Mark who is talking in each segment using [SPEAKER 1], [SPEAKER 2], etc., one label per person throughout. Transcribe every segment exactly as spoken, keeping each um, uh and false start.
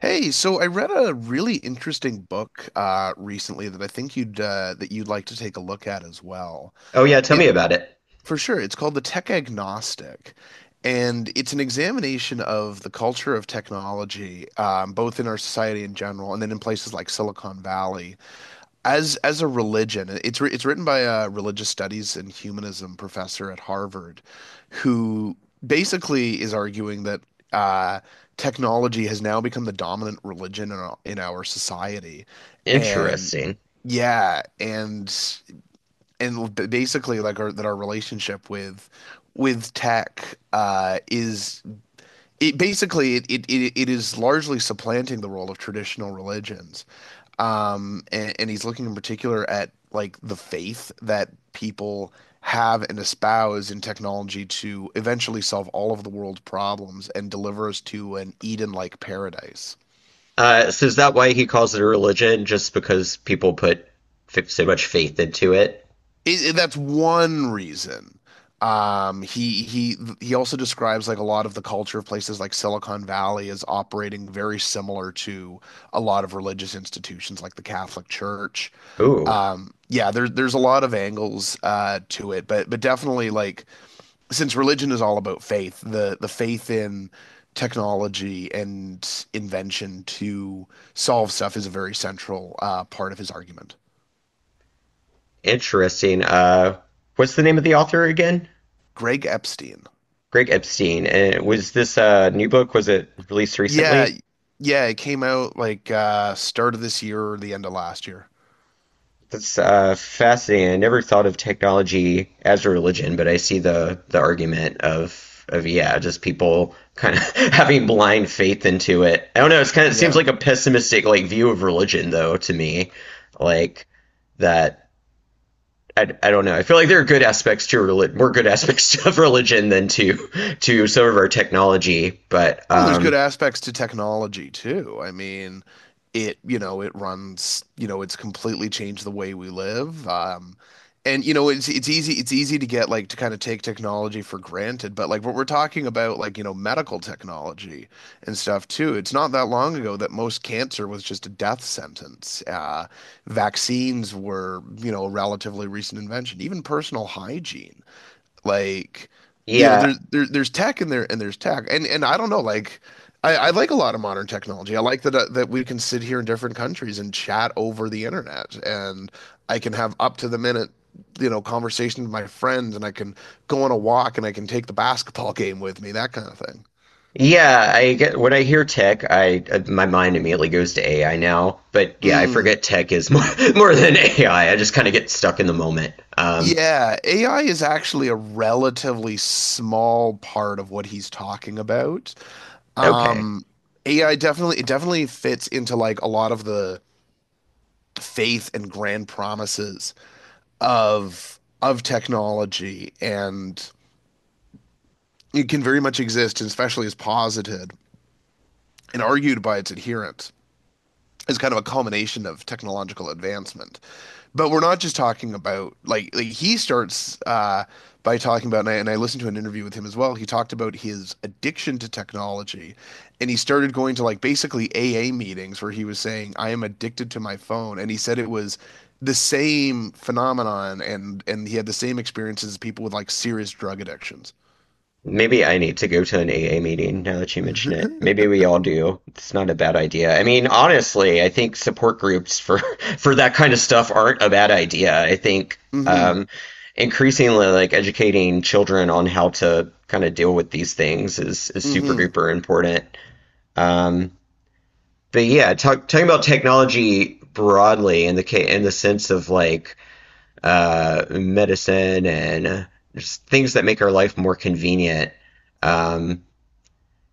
[SPEAKER 1] Hey, so I read a really interesting book uh, recently that I think you'd uh, that you'd like to take a look at as well.
[SPEAKER 2] Oh yeah, tell
[SPEAKER 1] It
[SPEAKER 2] me about it.
[SPEAKER 1] For sure, it's called The Tech Agnostic, and it's an examination of the culture of technology, um, both in our society in general and then in places like Silicon Valley as as a religion. It's wri- it's written by a religious studies and humanism professor at Harvard who basically is arguing that uh, technology has now become the dominant religion in our, in our society. And
[SPEAKER 2] Interesting.
[SPEAKER 1] yeah and and b- basically like our that our relationship with with tech uh, is it basically it, it it it is largely supplanting the role of traditional religions. Um, and, and he's looking in particular at like the faith that people have and espouse in technology to eventually solve all of the world's problems and deliver us to an Eden-like paradise.
[SPEAKER 2] Uh, so is that why he calls it a religion? Just because people put f so much faith into it?
[SPEAKER 1] It, it- that's one reason. Um, he he he also describes like a lot of the culture of places like Silicon Valley is operating very similar to a lot of religious institutions like the Catholic Church.
[SPEAKER 2] Ooh,
[SPEAKER 1] Um, yeah, there's there's a lot of angles uh, to it, but but definitely like since religion is all about faith, the the faith in technology and invention to solve stuff is a very central uh, part of his argument.
[SPEAKER 2] interesting. Uh, what's the name of the author again?
[SPEAKER 1] Greg Epstein.
[SPEAKER 2] Greg Epstein. And was this uh, new book? Was it released
[SPEAKER 1] Yeah,
[SPEAKER 2] recently?
[SPEAKER 1] yeah, it came out like uh start of this year or the end of last year.
[SPEAKER 2] That's uh, fascinating. I never thought of technology as a religion, but I see the the argument of of yeah, just people kind of having blind faith into it. I don't know. It's kind of it seems
[SPEAKER 1] Yeah.
[SPEAKER 2] like a pessimistic like view of religion though to me, like that. I, I don't know. I feel like there are good aspects to religion, more good aspects of religion than to to some of our technology. But
[SPEAKER 1] Oh, there's good
[SPEAKER 2] um,
[SPEAKER 1] aspects to technology too. I mean, it, you know, it runs, you know, it's completely changed the way we live. Um, and you know, it's it's easy it's easy to get like to kind of take technology for granted, but like what we're talking about, like, you know, medical technology and stuff too. It's not that long ago that most cancer was just a death sentence. Uh, vaccines were, you know, a relatively recent invention, even personal hygiene. Like, you know,
[SPEAKER 2] yeah.
[SPEAKER 1] there's there, there's tech and there and there's tech, and and I don't know, like, I, I like a lot of modern technology. I like that uh, that we can sit here in different countries and chat over the internet, and I can have up to the minute, you know, conversation with my friends, and I can go on a walk, and I can take the basketball game with me, that kind of thing.
[SPEAKER 2] Yeah, I get when I hear tech, I uh, my mind immediately goes to A I now. But yeah, I
[SPEAKER 1] Mm.
[SPEAKER 2] forget tech is more more than A I. I I just kind of get stuck in the moment. Um,
[SPEAKER 1] Yeah, A I is actually a relatively small part of what he's talking about.
[SPEAKER 2] okay.
[SPEAKER 1] Um, A I definitely it definitely fits into like a lot of the faith and grand promises of of technology, and it can very much exist, especially as posited and argued by its adherents, is kind of a culmination of technological advancement. But we're not just talking about like, like he starts uh, by talking about, and I, and I listened to an interview with him as well. He talked about his addiction to technology, and he started going to like basically A A meetings where he was saying, "I am addicted to my phone," and he said it was the same phenomenon, and and he had the same experiences as people with like serious drug addictions.
[SPEAKER 2] Maybe I need to go to an A A meeting now that you mention it. Maybe we all do. It's not a bad idea. I mean, honestly, I think support groups for for that kind of stuff aren't a bad idea. I think
[SPEAKER 1] Mm-hmm.
[SPEAKER 2] um, increasingly like educating children on how to kind of deal with these things is is super
[SPEAKER 1] Mm-hmm.
[SPEAKER 2] duper important. Um, but yeah, talk, talking about technology broadly in the in the sense of like uh, medicine and just things that make our life more convenient. Um,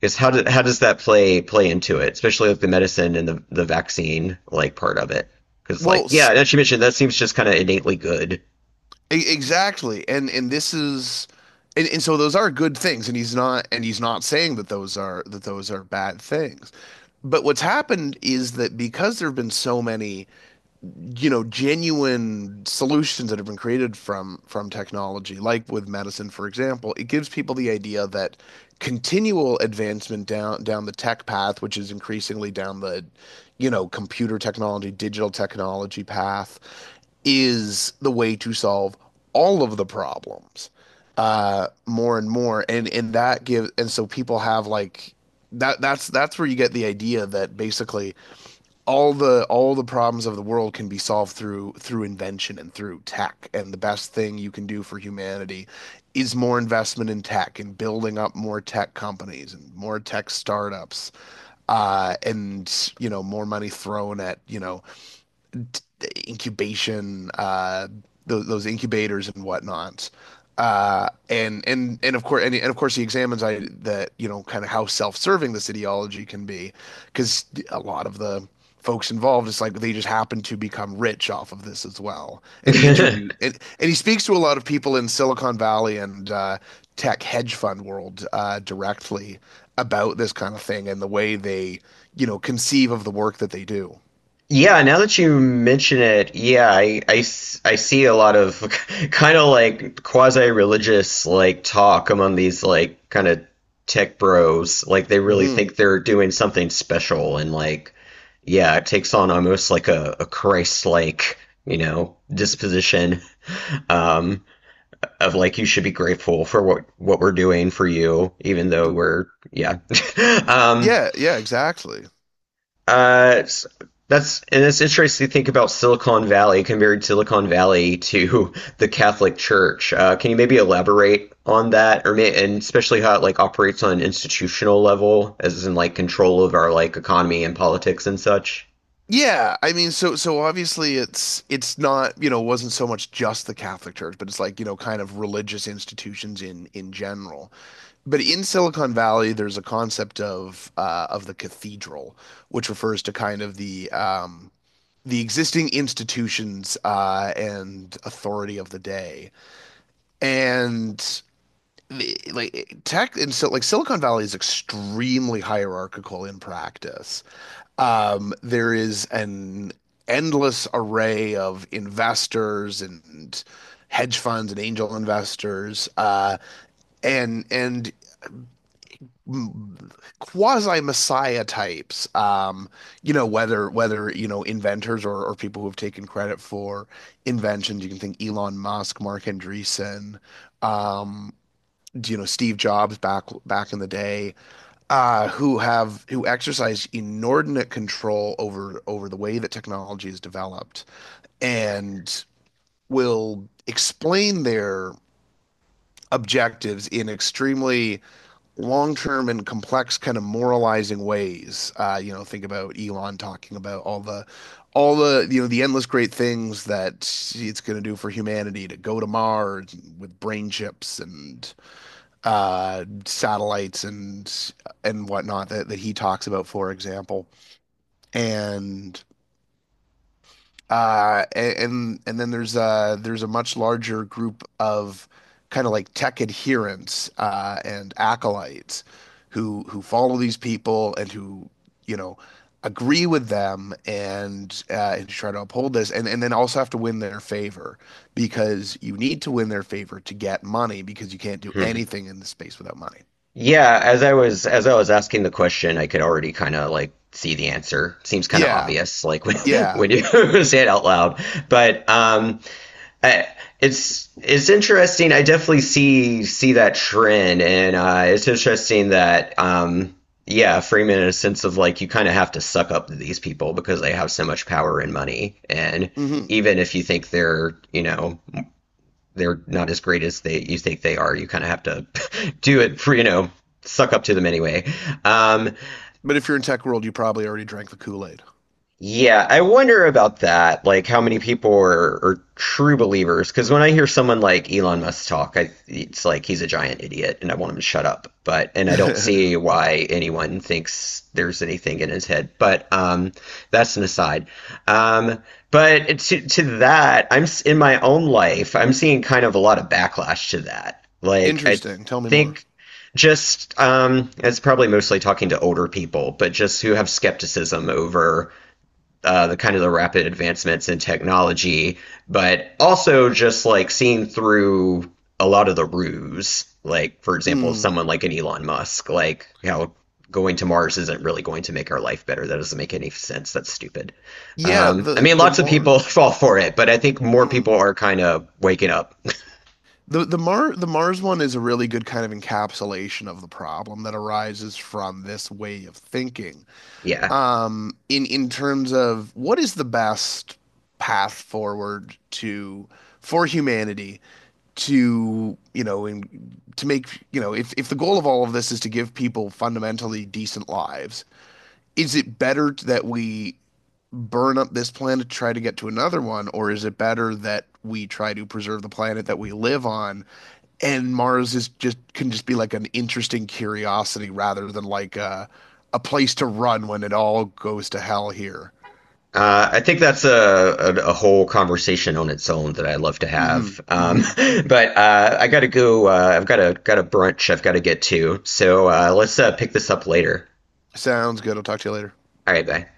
[SPEAKER 2] is how do, how does that play play into it, especially with the medicine and the, the vaccine like part of it? Because like
[SPEAKER 1] Well,
[SPEAKER 2] yeah,
[SPEAKER 1] s-
[SPEAKER 2] as you mentioned, that seems just kind of innately good.
[SPEAKER 1] E- exactly. And and this is and, and so those are good things, and he's not, and he's not saying that those are, that those are bad things. But what's happened is that because there have been so many, you know, genuine solutions that have been created from from technology, like with medicine for example, it gives people the idea that continual advancement down down the tech path, which is increasingly down the, you know, computer technology, digital technology path, is the way to solve all of the problems, uh more and more. and and that gives and so people have like that that's that's where you get the idea that basically all the all the problems of the world can be solved through through invention and through tech, and the best thing you can do for humanity is more investment in tech and building up more tech companies and more tech startups, uh, and you know, more money thrown at, you know, incubation, uh, those, those incubators and whatnot. Uh, and and and of course and, and, of course he examines I that you know, kind of how self-serving this ideology can be, because a lot of the folks involved, it's like they just happen to become rich off of this as well. And he interviewed and, and he speaks to a lot of people in Silicon Valley, and uh, tech hedge fund world, uh, directly about this kind of thing and the way they, you know, conceive of the work that they do.
[SPEAKER 2] Yeah, now that you mention it, yeah, I, I s- I see a lot of kind of like quasi-religious like talk among these like kind of tech bros. Like they really
[SPEAKER 1] Hmm.
[SPEAKER 2] think they're doing something special and like yeah, it takes on almost like a, a Christ-like, you know, disposition um of like you should be grateful for what what we're doing for you, even though we're yeah. Um
[SPEAKER 1] Yeah, yeah, exactly.
[SPEAKER 2] uh, that's, and it's interesting to think about Silicon Valley compared Silicon Valley to the Catholic Church. Uh, can you maybe elaborate on that, or may, and especially how it like operates on an institutional level, as in like control of our like economy and politics and such?
[SPEAKER 1] Yeah, I mean, so so obviously it's it's not, you know, wasn't so much just the Catholic Church, but it's like, you know, kind of religious institutions in in general. But in Silicon Valley, there's a concept of uh, of the cathedral, which refers to kind of the um, the existing institutions uh, and authority of the day. And the- like tech, and so like Silicon Valley is extremely hierarchical in practice. Um, there is an endless array of investors and hedge funds and angel investors, uh, and and quasi messiah types. Um, you know, whether whether, you know, inventors or, or people who have taken credit for inventions. You can think Elon Musk, Mark Andreessen, um, you know, Steve Jobs, back back in the day, uh, who have, who exercise inordinate control over over the way that technology is developed and will explain their objectives in extremely long-term and complex kind of moralizing ways. Uh, you know, think about Elon talking about all the, all the you know, the endless great things that it's going to do for humanity, to go to Mars with brain chips and uh, satellites and and whatnot that, that he talks about, for example. And uh, and and then there's a, there's a much larger group of kind of like tech adherents uh, and acolytes who who follow these people and who, you know, agree with them and uh, and try to uphold this, and and then also have to win their favor, because you need to win their favor to get money, because you can't do
[SPEAKER 2] Hmm.
[SPEAKER 1] anything in the space without money.
[SPEAKER 2] Yeah, as I was as I was asking the question, I could already kind of like see the answer. Seems kind of
[SPEAKER 1] Yeah.
[SPEAKER 2] obvious, like when
[SPEAKER 1] Yeah.
[SPEAKER 2] when you say it out loud, but um. I, it's it's interesting. I definitely see see that trend, and uh, it's interesting that um, yeah, Freeman in a sense of like you kind of have to suck up to these people because they have so much power and money, and
[SPEAKER 1] Hmm.
[SPEAKER 2] even if you think they're you know they're not as great as they you think they are, you kind of have to do it for you know suck up to them anyway. Um,
[SPEAKER 1] But if you're in tech world, you probably already drank the Kool Aid.
[SPEAKER 2] Yeah, I wonder about that. Like, how many people are, are true believers? Because when I hear someone like Elon Musk talk, I, it's like he's a giant idiot, and I want him to shut up. But and I don't see why anyone thinks there's anything in his head. But um, that's an aside. Um, but to to that, I'm s- in my own life, I'm seeing kind of a lot of backlash to that. Like, I
[SPEAKER 1] Interesting. Tell me more.
[SPEAKER 2] think just um, it's probably mostly talking to older people, but just who have skepticism over uh, the kind of the rapid advancements in technology, but also just like seeing through a lot of the ruse. Like, for example,
[SPEAKER 1] Mm.
[SPEAKER 2] someone like an Elon Musk, like how going to Mars isn't really going to make our life better. That doesn't make any sense. That's stupid.
[SPEAKER 1] Yeah.
[SPEAKER 2] Um, I
[SPEAKER 1] The
[SPEAKER 2] mean,
[SPEAKER 1] the
[SPEAKER 2] lots of
[SPEAKER 1] more
[SPEAKER 2] people fall for it, but I think more
[SPEAKER 1] Mm.
[SPEAKER 2] people are kind of waking up.
[SPEAKER 1] The the Mar the Mars one is a really good kind of encapsulation of the problem that arises from this way of thinking.
[SPEAKER 2] Yeah.
[SPEAKER 1] Um. In in terms of what is the best path forward to for humanity to you know in, to make, you know, if if the goal of all of this is to give people fundamentally decent lives, is it better that we burn up this planet to try to get to another one, or is it better that we try to preserve the planet that we live on? And Mars is just, can just be like an interesting curiosity rather than like a, a place to run when it all goes to hell here.
[SPEAKER 2] Uh, I think that's a, a, a whole conversation on its own that I love to
[SPEAKER 1] Hmm.
[SPEAKER 2] have. Um,
[SPEAKER 1] Hmm.
[SPEAKER 2] but uh, I gotta go. Uh, I've got a got a brunch I've got to get to. So uh, let's uh, pick this up later.
[SPEAKER 1] Sounds good. I'll talk to you later.
[SPEAKER 2] All right, bye.